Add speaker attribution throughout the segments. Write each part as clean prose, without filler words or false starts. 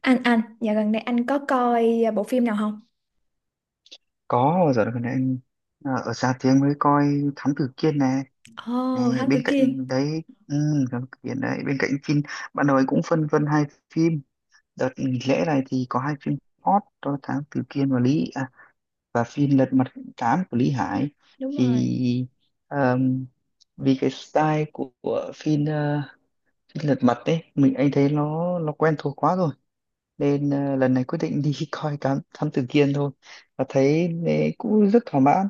Speaker 1: Anh dạo gần đây anh có coi bộ phim nào không?
Speaker 2: Có bao giờ gần đây anh ở xa tiếng mới coi Thám Tử Kiên nè.
Speaker 1: Ồ,
Speaker 2: Nè,
Speaker 1: Thám Tử
Speaker 2: bên
Speaker 1: Kiên.
Speaker 2: cạnh đấy, ừ, Thám Tử Kiên đấy, bên cạnh phim ban đầu anh cũng phân vân hai phim. Đợt nghỉ lễ này thì có hai phim hot đó: Thám Tử Kiên và Lý à, và phim Lật Mặt Tám của Lý Hải.
Speaker 1: Đúng rồi.
Speaker 2: Thì ờm, vì cái style của phim, phim Lật Mặt đấy mình anh thấy nó quen thuộc quá rồi, nên lần này quyết định đi coi Thám Thám Tử Kiên thôi. Và thấy cũng rất thỏa mãn.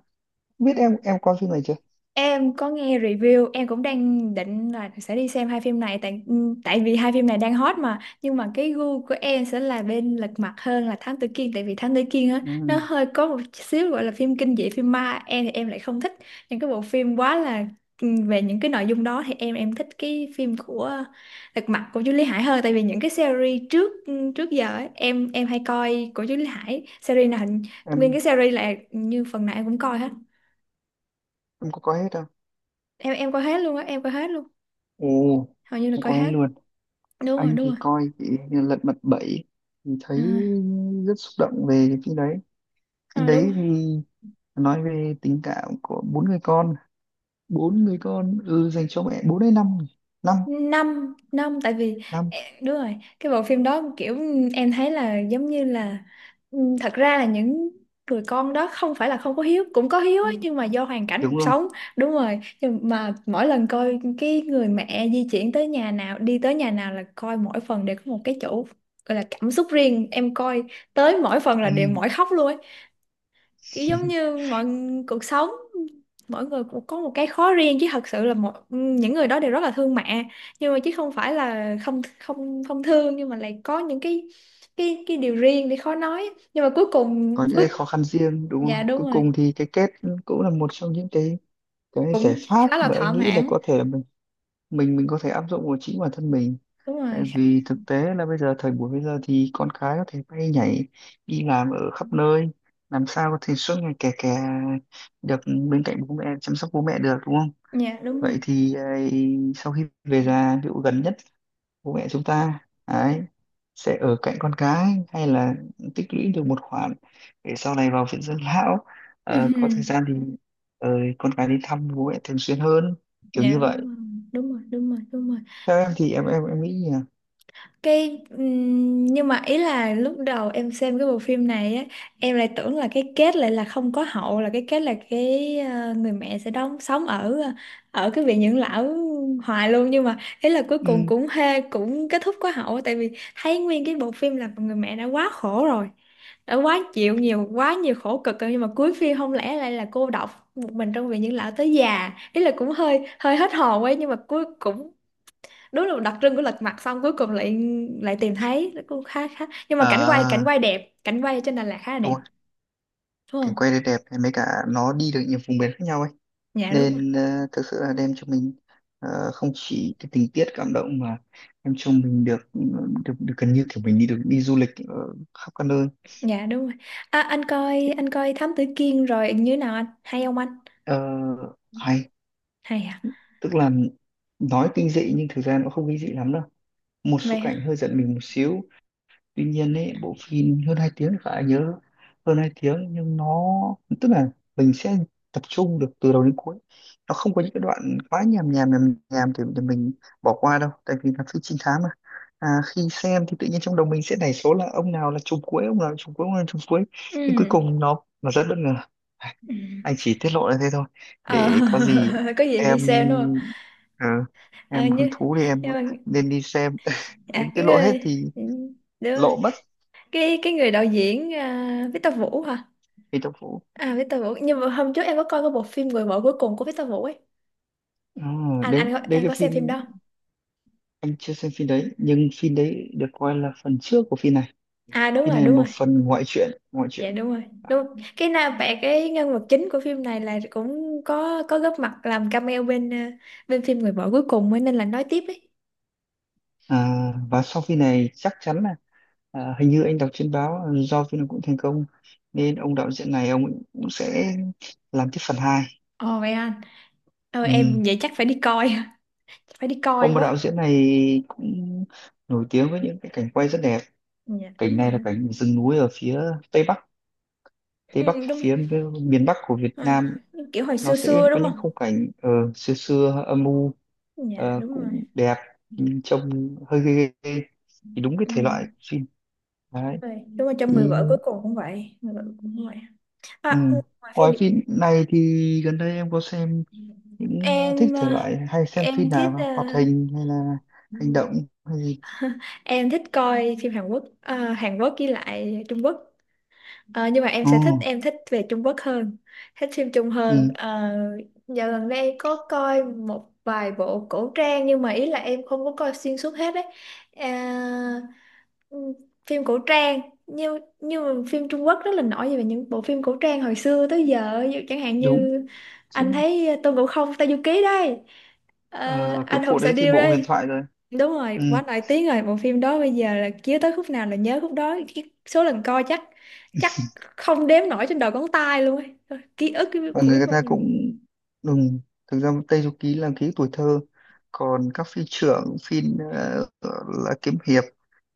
Speaker 2: Biết em coi phim này chưa?
Speaker 1: Em có nghe review, em cũng đang định là sẽ đi xem hai phim này tại vì hai phim này đang hot mà, nhưng mà cái gu của em sẽ là bên Lật Mặt hơn là Thám Tử Kiên, tại vì Thám Tử Kiên á, nó
Speaker 2: Ừ,
Speaker 1: hơi có một xíu gọi là phim kinh dị, phim ma, em thì em lại không thích những cái bộ phim quá là về những cái nội dung đó. Thì em thích cái phim của Lật Mặt của Chú Lý Hải hơn, tại vì những cái series trước giờ ấy, em hay coi của Chú Lý Hải, nguyên cái
Speaker 2: em
Speaker 1: series là như phần nào em cũng coi hết.
Speaker 2: em có coi hết không?
Speaker 1: Em coi hết luôn á, em coi hết luôn.
Speaker 2: Ồ,
Speaker 1: Hầu như là
Speaker 2: em
Speaker 1: coi
Speaker 2: coi hết
Speaker 1: hết.
Speaker 2: luôn.
Speaker 1: Đúng rồi,
Speaker 2: Anh
Speaker 1: đúng rồi.
Speaker 2: thì coi thì Lật Mặt Bảy thì thấy
Speaker 1: À,
Speaker 2: rất xúc động về phim đấy. Phim
Speaker 1: à, đúng
Speaker 2: đấy
Speaker 1: rồi.
Speaker 2: thì nói về tình cảm của bốn người con, bốn người con, ừ, dành cho mẹ. Bốn hay năm nhỉ? Năm
Speaker 1: Năm, năm, tại vì
Speaker 2: năm,
Speaker 1: đúng rồi, cái bộ phim đó kiểu em thấy là giống như là thật ra là những người con đó không phải là không có hiếu, cũng có hiếu ấy, Ừ. Nhưng mà do hoàn cảnh
Speaker 2: đúng
Speaker 1: cuộc
Speaker 2: rồi.
Speaker 1: sống. Đúng rồi, nhưng mà mỗi lần coi cái người mẹ di chuyển tới nhà nào, đi tới nhà nào là coi mỗi phần đều có một cái chỗ gọi là cảm xúc riêng. Em coi tới mỗi phần là
Speaker 2: Ừ.
Speaker 1: đều mỏi khóc luôn ấy. Kiểu giống như mọi cuộc sống, mỗi người cũng có một cái khó riêng chứ thật sự là một những người đó đều rất là thương mẹ, nhưng mà chứ không phải là không không không thương, nhưng mà lại có những cái cái điều riêng để khó nói, nhưng mà cuối cùng
Speaker 2: Có những cái
Speaker 1: ước.
Speaker 2: khó khăn riêng, đúng rồi,
Speaker 1: Dạ đúng
Speaker 2: cuối
Speaker 1: rồi.
Speaker 2: cùng thì cái kết cũng là một trong những cái giải
Speaker 1: Cũng
Speaker 2: pháp
Speaker 1: khá là
Speaker 2: mà
Speaker 1: thỏa
Speaker 2: anh nghĩ là
Speaker 1: mãn.
Speaker 2: có thể là mình, mình có thể áp dụng vào chính bản thân mình.
Speaker 1: Đúng
Speaker 2: Tại
Speaker 1: rồi
Speaker 2: vì thực tế là bây giờ, thời buổi bây giờ thì con cái có thể bay nhảy đi làm ở khắp nơi, làm sao có thể suốt ngày kè kè được bên cạnh bố mẹ, chăm sóc bố mẹ được, đúng không?
Speaker 1: dạ đúng rồi.
Speaker 2: Vậy thì ấy, sau khi về già, ví dụ gần nhất, bố mẹ chúng ta ấy sẽ ở cạnh con cái hay là tích lũy được một khoản để sau này vào viện dưỡng lão, có thời
Speaker 1: Ừm.
Speaker 2: gian thì ờ, con cái đi thăm bố mẹ thường xuyên hơn, kiểu như
Speaker 1: Dạ
Speaker 2: vậy.
Speaker 1: đúng rồi, đúng rồi, đúng rồi, đúng rồi.
Speaker 2: Theo em thì em, em nghĩ nhỉ?
Speaker 1: Cái nhưng mà ý là lúc đầu em xem cái bộ phim này á, em lại tưởng là cái kết lại là không có hậu, là cái kết là cái người mẹ sẽ đóng sống ở cái viện dưỡng lão hoài luôn, nhưng mà ý là cuối cùng
Speaker 2: Ừ.
Speaker 1: cũng kết thúc có hậu. Tại vì thấy nguyên cái bộ phim là người mẹ đã quá khổ rồi, đã quá chịu nhiều, quá nhiều khổ cực rồi, nhưng mà cuối phim không lẽ lại là cô độc một mình trong viện dưỡng lão tới già, ý là cũng hơi hơi hết hồn ấy. Nhưng mà cuối cũng đúng là đặc trưng của Lật Mặt, xong cuối cùng lại lại tìm thấy, nó cũng khá khá. Nhưng mà cảnh quay cảnh
Speaker 2: À,
Speaker 1: quay đẹp, cảnh quay trên Đà Lạt khá là đẹp, đúng
Speaker 2: cảnh
Speaker 1: không?
Speaker 2: quay đây đẹp này, mấy cả nó đi được nhiều vùng miền khác nhau ấy,
Speaker 1: Dạ đúng rồi.
Speaker 2: nên thực sự là đem cho mình không chỉ cái tình tiết cảm động mà đem cho mình được được, được gần như kiểu mình đi được đi du lịch khắp các nơi.
Speaker 1: Dạ đúng rồi. À, anh coi Thám Tử Kiên rồi như thế nào anh, hay không anh?
Speaker 2: Ờ, hay,
Speaker 1: Hay à?
Speaker 2: tức là nói kinh dị nhưng thực ra nó không kinh dị lắm đâu, một số
Speaker 1: Vậy
Speaker 2: cảnh
Speaker 1: hả?
Speaker 2: hơi giận mình một xíu. Tuy nhiên ấy, bộ phim hơn 2 tiếng thì khá nhớ, hơn 2 tiếng nhưng nó, tức là mình sẽ tập trung được từ đầu đến cuối, nó không có những cái đoạn quá nhàm nhàm nhàm nhàm thì mình bỏ qua đâu, tại vì là phim trinh thám mà. À, khi xem thì tự nhiên trong đầu mình sẽ nảy số là ông nào là trùm cuối, ông nào là trùm cuối, ông nào là trùm cuối, nhưng cuối
Speaker 1: Ừ,
Speaker 2: cùng nó rất bất ngờ. À,
Speaker 1: ừ.
Speaker 2: anh chỉ tiết lộ là thế thôi,
Speaker 1: Ờ,
Speaker 2: để có gì
Speaker 1: có gì đi
Speaker 2: em,
Speaker 1: xem đúng không?
Speaker 2: ờ,
Speaker 1: À,
Speaker 2: em hứng thú thì em
Speaker 1: nhưng mà,
Speaker 2: nên đi xem
Speaker 1: à,
Speaker 2: cũng tiết
Speaker 1: cái
Speaker 2: lộ hết
Speaker 1: người,
Speaker 2: thì
Speaker 1: ừ, đúng rồi,
Speaker 2: lộ mất.
Speaker 1: cái người đạo diễn, à, Victor Vũ hả?
Speaker 2: Phi Tốc Vũ.
Speaker 1: À, Victor Vũ, nhưng mà hôm trước em có coi cái bộ phim Người Vợ Cuối Cùng của Victor Vũ ấy.
Speaker 2: Ờ,
Speaker 1: anh
Speaker 2: đấy
Speaker 1: anh có,
Speaker 2: đấy
Speaker 1: em
Speaker 2: cái
Speaker 1: có xem phim
Speaker 2: phim
Speaker 1: đó.
Speaker 2: anh chưa xem phim đấy, nhưng phim đấy được coi là phần trước của phim này.
Speaker 1: À đúng
Speaker 2: Phim
Speaker 1: rồi,
Speaker 2: này là
Speaker 1: đúng
Speaker 2: một
Speaker 1: rồi.
Speaker 2: phần ngoại truyện, ngoại
Speaker 1: Dạ
Speaker 2: truyện.
Speaker 1: đúng rồi. Đúng. Cái nam bạn cái nhân vật chính của phim này là cũng có góp mặt làm cameo bên phim Người Vợ Cuối Cùng ấy, nên là nói tiếp ấy.
Speaker 2: À, và sau phim này chắc chắn là, à, hình như anh đọc trên báo là do phim này cũng thành công, nên ông đạo diễn này ông cũng cũng sẽ làm tiếp phần 2.
Speaker 1: Ồ vậy anh. Ờ
Speaker 2: Ừ.
Speaker 1: em vậy chắc phải đi coi, phải đi coi
Speaker 2: Ông đạo
Speaker 1: quá.
Speaker 2: diễn này cũng nổi tiếng với những cái cảnh quay rất đẹp.
Speaker 1: Dạ
Speaker 2: Cảnh
Speaker 1: đúng
Speaker 2: này
Speaker 1: rồi
Speaker 2: là
Speaker 1: đó.
Speaker 2: cảnh rừng núi ở phía tây bắc, tây
Speaker 1: Ừ,
Speaker 2: bắc
Speaker 1: đúng rồi.
Speaker 2: phía miền bắc của Việt
Speaker 1: Ờ,
Speaker 2: Nam.
Speaker 1: kiểu hồi
Speaker 2: Nó
Speaker 1: xưa
Speaker 2: sẽ
Speaker 1: xưa
Speaker 2: có
Speaker 1: đúng
Speaker 2: những
Speaker 1: không?
Speaker 2: khung cảnh xưa xưa âm u,
Speaker 1: Dạ đúng rồi.
Speaker 2: cũng đẹp nhưng trông hơi ghê ghê ghê. Thì đúng cái
Speaker 1: Ừ.
Speaker 2: thể loại phim đấy
Speaker 1: Rồi. Đúng rồi, trong Người
Speaker 2: thì.
Speaker 1: Vợ Cuối Cùng cũng vậy, Người Vợ Cuối Cùng cũng vậy.
Speaker 2: Ừ.
Speaker 1: À, ngoài phim
Speaker 2: Ngoài
Speaker 1: Việt
Speaker 2: phim này thì gần đây em có xem những, thích
Speaker 1: em
Speaker 2: thể
Speaker 1: ờ,
Speaker 2: loại hay xem phim
Speaker 1: em thích
Speaker 2: nào không? Hoạt hình hay là
Speaker 1: ờ,
Speaker 2: hành động hay gì?
Speaker 1: Em thích coi phim Hàn Quốc, Hàn Quốc với lại Trung Quốc. Ờ, nhưng mà em
Speaker 2: Ồ,
Speaker 1: sẽ thích em thích về Trung Quốc hơn, thích phim Trung hơn.
Speaker 2: ừ,
Speaker 1: Ờ, dạo gần đây em có coi một vài bộ cổ trang nhưng mà ý là em không có coi xuyên suốt hết đấy. À, ừm, phim cổ trang, nhưng mà phim Trung Quốc rất là nổi về những bộ phim cổ trang hồi xưa tới giờ. Ví dụ chẳng hạn
Speaker 2: đúng.
Speaker 1: như anh
Speaker 2: Chính-
Speaker 1: thấy Tôn Ngộ Không Tây Du Ký đây, ờ,
Speaker 2: ờ, cái
Speaker 1: Anh Hùng
Speaker 2: bộ
Speaker 1: Xạ
Speaker 2: đấy thì
Speaker 1: Điêu
Speaker 2: bộ huyền
Speaker 1: đây.
Speaker 2: thoại rồi.
Speaker 1: Đúng rồi,
Speaker 2: Ừ.
Speaker 1: quá nổi tiếng rồi. Bộ phim đó bây giờ là chiếu tới khúc nào là nhớ khúc đó. Cái số lần coi chắc chắc không đếm nổi trên đầu ngón tay luôn ấy. Thôi, ký ức
Speaker 2: Và
Speaker 1: của biết
Speaker 2: người
Speaker 1: bao
Speaker 2: ta
Speaker 1: nhiêu.
Speaker 2: cũng đúng, thực ra Tây Du Ký là ký tuổi thơ, còn các phi trưởng phi ờ, là kiếm hiệp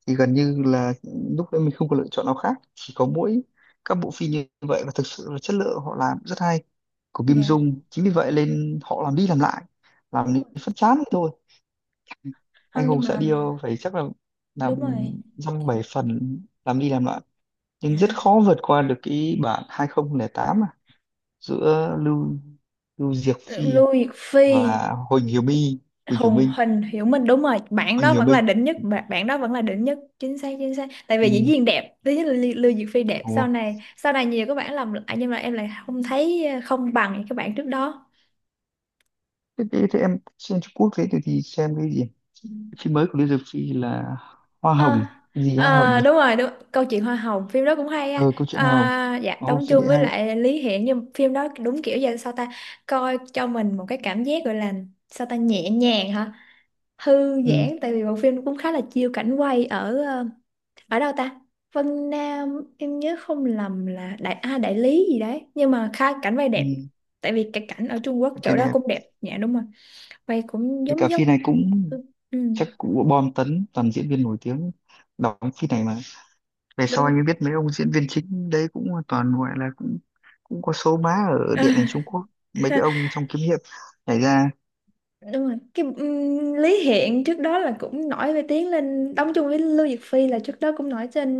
Speaker 2: thì gần như là lúc đấy mình không có lựa chọn nào khác, chỉ có mỗi các bộ phim như vậy, và thực sự là chất lượng họ làm rất hay, của Kim
Speaker 1: Dạ
Speaker 2: Dung, chính vì vậy nên họ làm đi làm lại,
Speaker 1: đúng
Speaker 2: làm đến
Speaker 1: rồi.
Speaker 2: phát chán ấy thôi. Anh
Speaker 1: Không, nhưng
Speaker 2: Hùng Sẽ
Speaker 1: mà
Speaker 2: Điêu phải chắc là làm
Speaker 1: đúng rồi.
Speaker 2: dăm bảy phần, làm đi làm lại, nhưng rất
Speaker 1: Dạ.
Speaker 2: khó vượt qua được cái bản 2008 giữa Lưu Lưu Diệc Phi
Speaker 1: Lưu Diệc Phi,
Speaker 2: và Huỳnh Hiểu My, Huỳnh Hiểu
Speaker 1: Hùng
Speaker 2: Minh,
Speaker 1: Hình, Hiểu Minh, đúng rồi. Bạn
Speaker 2: Huỳnh
Speaker 1: đó
Speaker 2: Hiểu
Speaker 1: vẫn là
Speaker 2: Minh.
Speaker 1: đỉnh nhất, bạn bạn đó vẫn là đỉnh nhất, chính xác chính xác. Tại
Speaker 2: Ừ,
Speaker 1: vì diễn viên đẹp, thứ nhất là Lưu Lưu Diệc Phi đẹp,
Speaker 2: đúng
Speaker 1: sau
Speaker 2: rồi.
Speaker 1: này sau này nhiều các bạn làm lại nhưng mà em lại không thấy không bằng những các bạn trước đó.
Speaker 2: Thế em xem Trung Quốc thế thì xem cái gì? Cái phim mới của Lưu Diệc Phi là Hoa
Speaker 1: Ờ,
Speaker 2: Hồng, cái gì Hoa Hồng
Speaker 1: ờ,
Speaker 2: nhỉ?
Speaker 1: đúng rồi, đúng câu chuyện Hoa Hồng, phim đó cũng hay á.
Speaker 2: Ờ, câu chuyện Hoa Hồng.
Speaker 1: À, dạ,
Speaker 2: Ồ
Speaker 1: đóng
Speaker 2: phim
Speaker 1: chung
Speaker 2: đấy
Speaker 1: với
Speaker 2: hay.
Speaker 1: lại Lý Hiển, nhưng phim đó đúng kiểu giờ sao ta. Coi cho mình một cái cảm giác gọi là sao ta, nhẹ nhàng hả, thư
Speaker 2: Ừ,
Speaker 1: giãn, tại vì bộ phim cũng khá là chiêu cảnh quay ở đâu ta, Vân Nam, em nhớ không lầm là Đại Lý gì đấy, nhưng mà khá cảnh quay đẹp,
Speaker 2: ừ,
Speaker 1: tại vì cái cảnh ở Trung Quốc
Speaker 2: cái
Speaker 1: chỗ đó
Speaker 2: đẹp,
Speaker 1: cũng đẹp. Dạ đúng rồi, quay cũng
Speaker 2: với cả
Speaker 1: giống giống.
Speaker 2: phim này cũng
Speaker 1: Ừ, ừ,
Speaker 2: chắc cũng bom tấn, toàn diễn viên nổi tiếng đóng phim này mà. Về sau
Speaker 1: đúng,
Speaker 2: anh mới biết mấy ông diễn viên chính đấy cũng toàn gọi là cũng cũng có số má ở điện ảnh Trung Quốc, mấy cái ông trong kiếm hiệp nhảy ra.
Speaker 1: đúng rồi, cái Lý Hiện trước đó là cũng nổi về tiếng lên đóng chung với Lưu Diệc Phi, là trước đó cũng nổi trên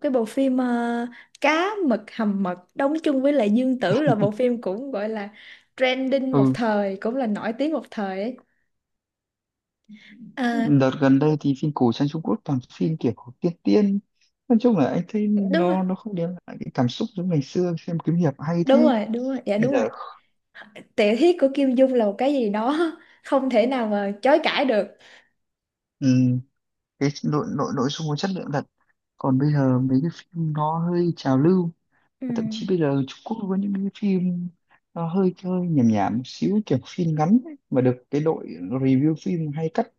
Speaker 1: cái bộ phim Cá Mực Hầm Mật, đóng chung với lại Dương Tử, là bộ phim cũng gọi là trending một
Speaker 2: Ừ,
Speaker 1: thời, cũng là nổi tiếng một thời ấy. À,
Speaker 2: đợt gần đây thì phim cổ trang Trung Quốc toàn phim kiểu tiên tiên, nói chung là anh thấy
Speaker 1: đúng rồi,
Speaker 2: nó không đem lại cái cảm xúc giống ngày xưa xem kiếm hiệp hay thế
Speaker 1: đúng rồi, đúng rồi, dạ
Speaker 2: bây
Speaker 1: đúng rồi.
Speaker 2: giờ.
Speaker 1: Tiểu thuyết của Kim Dung là một cái gì đó không thể nào mà chối cãi được.
Speaker 2: Ừ, cái nội nội nội dung có chất lượng thật, còn bây giờ mấy cái phim nó hơi trào lưu.
Speaker 1: Ừ.
Speaker 2: Và thậm chí bây giờ Trung Quốc có những cái phim nó hơi hơi nhảm nhảm một xíu, kiểu phim ngắn ấy, mà được cái đội review phim hay cắt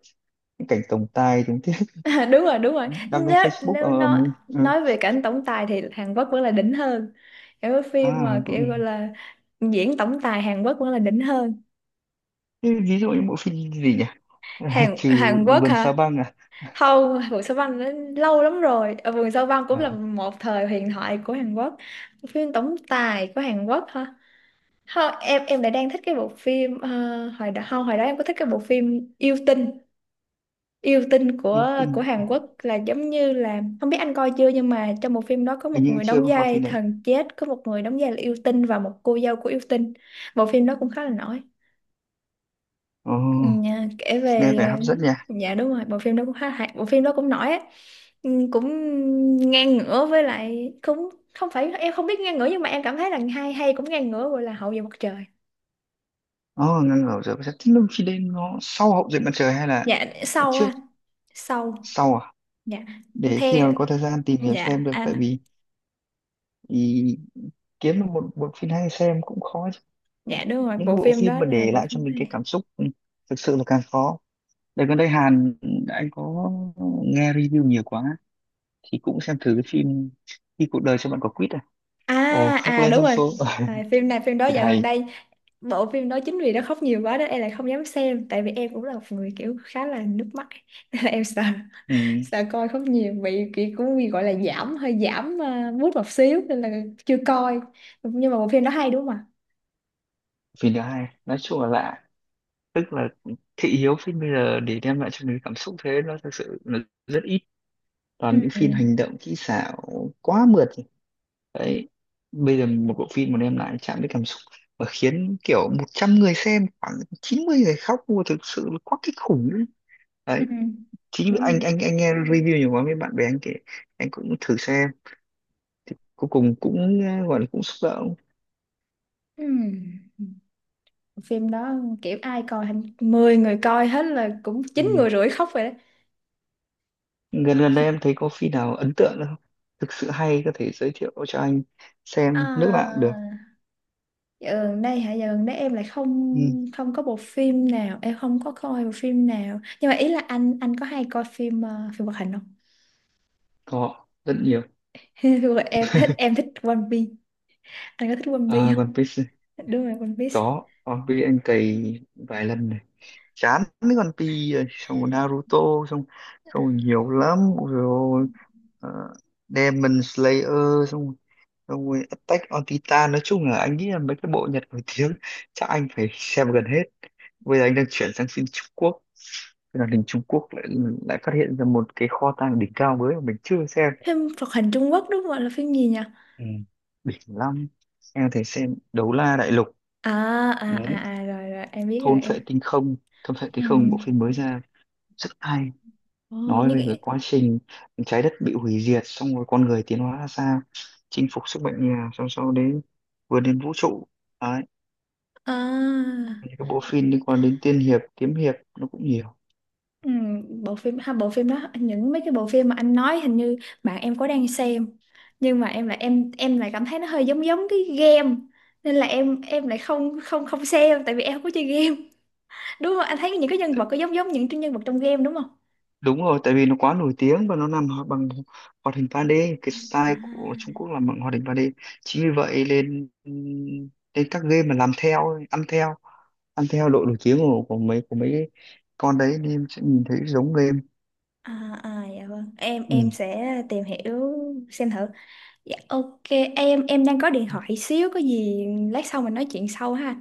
Speaker 2: những cảnh tổng tài tình tiết
Speaker 1: À, đúng rồi, đúng rồi,
Speaker 2: đăng lên
Speaker 1: nếu
Speaker 2: Facebook
Speaker 1: nếu nói
Speaker 2: mình ờ.
Speaker 1: nói về cảnh tổng tài thì Hàn Quốc vẫn là đỉnh hơn, kiểu cái
Speaker 2: À
Speaker 1: phim mà
Speaker 2: cũng
Speaker 1: kiểu gọi là diễn tổng tài Hàn Quốc vẫn là đỉnh hơn.
Speaker 2: thế, ví dụ như bộ phim gì nhỉ? À,
Speaker 1: Hàn
Speaker 2: trừ
Speaker 1: Hàn Quốc
Speaker 2: vườn sao
Speaker 1: hả?
Speaker 2: băng à,
Speaker 1: Không, Vườn Sao Băng nó lâu lắm rồi. Ờ, Vườn Sao Băng cũng là
Speaker 2: à
Speaker 1: một thời huyền thoại của Hàn Quốc. Phim tổng tài của Hàn Quốc hả? Không, em lại đang thích cái bộ phim hồi đó, không, hồi đó em có thích cái bộ phim yêu tinh, yêu tinh
Speaker 2: yêu
Speaker 1: của
Speaker 2: tinh à,
Speaker 1: Hàn Quốc là giống như là không biết anh coi chưa, nhưng mà trong một phim đó có một
Speaker 2: hình như
Speaker 1: người
Speaker 2: chưa
Speaker 1: đóng
Speaker 2: có coi
Speaker 1: vai
Speaker 2: phim đấy.
Speaker 1: thần chết, có một người đóng vai là yêu tinh, và một cô dâu của yêu tinh. Bộ phim đó cũng khá là nổi.
Speaker 2: Ồ,
Speaker 1: Ừ, kể
Speaker 2: nghe
Speaker 1: về
Speaker 2: vẻ hấp dẫn nhỉ.
Speaker 1: dạ đúng rồi, bộ phim đó cũng khá hay, bộ phim đó cũng nổi á. Ừ, cũng ngang ngửa, với lại cũng không phải em không biết ngang ngửa, nhưng mà em cảm thấy là hay hay cũng ngang ngửa, gọi là Hậu Duệ Mặt Trời.
Speaker 2: Ồ, ngăn ngửa rồi, thế lúc khi đến nó sau hậu duệ mặt trời hay là
Speaker 1: Dạ sâu
Speaker 2: trước?
Speaker 1: à, sâu.
Speaker 2: Sau à?
Speaker 1: Dạ.
Speaker 2: Để khi nào
Speaker 1: Theo.
Speaker 2: có thời gian tìm hiểu xem
Speaker 1: Dạ.
Speaker 2: được, tại
Speaker 1: Anh.
Speaker 2: vì thì kiếm được một bộ phim hay xem cũng khó chứ.
Speaker 1: Dạ đúng rồi,
Speaker 2: Những cái
Speaker 1: bộ
Speaker 2: bộ
Speaker 1: phim
Speaker 2: phim
Speaker 1: đó
Speaker 2: mà
Speaker 1: là
Speaker 2: để
Speaker 1: bộ
Speaker 2: lại cho
Speaker 1: phim
Speaker 2: mình cái
Speaker 1: hay.
Speaker 2: cảm xúc, ừ, thực sự là càng khó. Đợt gần đây Hàn, anh có nghe review nhiều quá thì cũng xem thử cái phim khi cuộc đời cho bạn quả quýt à.
Speaker 1: À,
Speaker 2: Ồ, khóc
Speaker 1: à,
Speaker 2: lên
Speaker 1: đúng
Speaker 2: trong
Speaker 1: rồi.
Speaker 2: số.
Speaker 1: À, phim này, phim đó
Speaker 2: Phim
Speaker 1: dạo gần
Speaker 2: hay.
Speaker 1: đây, bộ phim đó chính vì nó khóc nhiều quá đó em lại không dám xem, tại vì em cũng là một người kiểu khá là nước mắt ấy. Nên là em sợ
Speaker 2: Ừ,
Speaker 1: sợ coi khóc nhiều bị kiểu cũng bị gọi là giảm, hơi giảm mút một xíu nên là chưa coi, nhưng mà bộ phim đó hay đúng không ạ?
Speaker 2: phim thứ hai nói chung là lạ, tức là thị hiếu phim bây giờ để đem lại cho mình cảm xúc thế nó thực sự là rất ít,
Speaker 1: Ừ,
Speaker 2: toàn những
Speaker 1: ừ,
Speaker 2: phim hành động kỹ xảo quá mượt đấy. Bây giờ một bộ phim mà đem lại chạm đến cảm xúc và khiến kiểu 100 người xem khoảng 90 người khóc mua thực sự là quá kinh khủng ấy.
Speaker 1: ừ,
Speaker 2: Đấy, chính vì
Speaker 1: đúng
Speaker 2: anh
Speaker 1: rồi.
Speaker 2: anh anh nghe review nhiều quá, mấy bạn bè anh kể, anh cũng thử xem, cuối cùng cũng gọi là cũng xúc động.
Speaker 1: Ừ. Phim đó kiểu ai coi hình, 10 người coi hết là cũng
Speaker 2: Ừ.
Speaker 1: chín người rưỡi khóc rồi đấy.
Speaker 2: gần gần đây em thấy có phim nào ấn tượng không, thực sự hay, có thể giới thiệu cho anh xem không? Nước nào cũng được.
Speaker 1: À, dạo gần đây hả? Dạo gần đây em lại không
Speaker 2: Ừ,
Speaker 1: không có bộ phim nào, em không có coi bộ phim nào. Nhưng mà ý là anh có hay coi phim phim hoạt hình không?
Speaker 2: có rất nhiều.
Speaker 1: Phim hoạt- em thích One Piece. Anh có thích One Piece
Speaker 2: À,
Speaker 1: không?
Speaker 2: còn phim
Speaker 1: Dạ, đúng rồi, One Piece.
Speaker 2: có, còn vì anh cày vài lần này chán mấy con Pi rồi, xong rồi Naruto, xong, xong rồi nhiều lắm. Ôi dồi ôi, ờ, Demon Slayer, xong rồi- xong rồi Attack on Titan, nói chung là anh nghĩ là mấy cái bộ Nhật nổi tiếng chắc anh phải xem gần hết. Bây giờ anh đang chuyển sang phim Trung Quốc, thế là đình Trung Quốc lại, lại phát hiện ra một cái kho tàng đỉnh cao mới mà mình chưa xem.
Speaker 1: Phim hoạt hình Trung Quốc đúng không? Là phim gì nhỉ?
Speaker 2: Ừ. Đỉnh lắm. Em có thể xem Đấu La Đại Lục.
Speaker 1: À, à,
Speaker 2: Ừ.
Speaker 1: à, à, rồi, rồi em biết rồi
Speaker 2: Thôn Phệ
Speaker 1: em.
Speaker 2: Tinh Không, Thôn Phệ Tinh
Speaker 1: Ừ.
Speaker 2: Không bộ phim mới ra rất hay,
Speaker 1: Ồ,
Speaker 2: nói
Speaker 1: như
Speaker 2: về cái
Speaker 1: cái,
Speaker 2: quá trình trái đất bị hủy diệt, xong rồi con người tiến hóa ra sao, chinh phục sức mạnh nhà, xong sau đến vươn đến vũ trụ, đấy,
Speaker 1: à.
Speaker 2: những cái bộ phim liên quan đến tiên hiệp kiếm hiệp nó cũng nhiều.
Speaker 1: Ừ, bộ phim ha, bộ phim đó, những mấy cái bộ phim mà anh nói hình như bạn em có đang xem, nhưng mà em lại cảm thấy nó hơi giống giống cái game, nên là em lại không không không xem, tại vì em không có chơi game. Đúng không, anh thấy những cái nhân vật có giống giống những nhân vật trong game đúng không?
Speaker 2: Đúng rồi, tại vì nó quá nổi tiếng và nó làm ho- bằng hoạt hình 3D, cái
Speaker 1: À,
Speaker 2: style của Trung Quốc làm bằng hoạt hình 3D, chính vì vậy lên, lên các game mà làm theo ăn theo, ăn theo độ nổi tiếng của mấy của mấy cái con đấy, nên em sẽ nhìn thấy giống game.
Speaker 1: à, à dạ vâng, em
Speaker 2: Ừ.
Speaker 1: em sẽ tìm hiểu xem thử. Dạ ok, em đang có điện thoại xíu, có gì lát sau mình nói chuyện sau ha.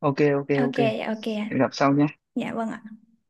Speaker 2: Ok, ok,
Speaker 1: Ok
Speaker 2: ok.
Speaker 1: dạ, ok.
Speaker 2: Hẹn gặp sau nhé.
Speaker 1: Dạ vâng ạ.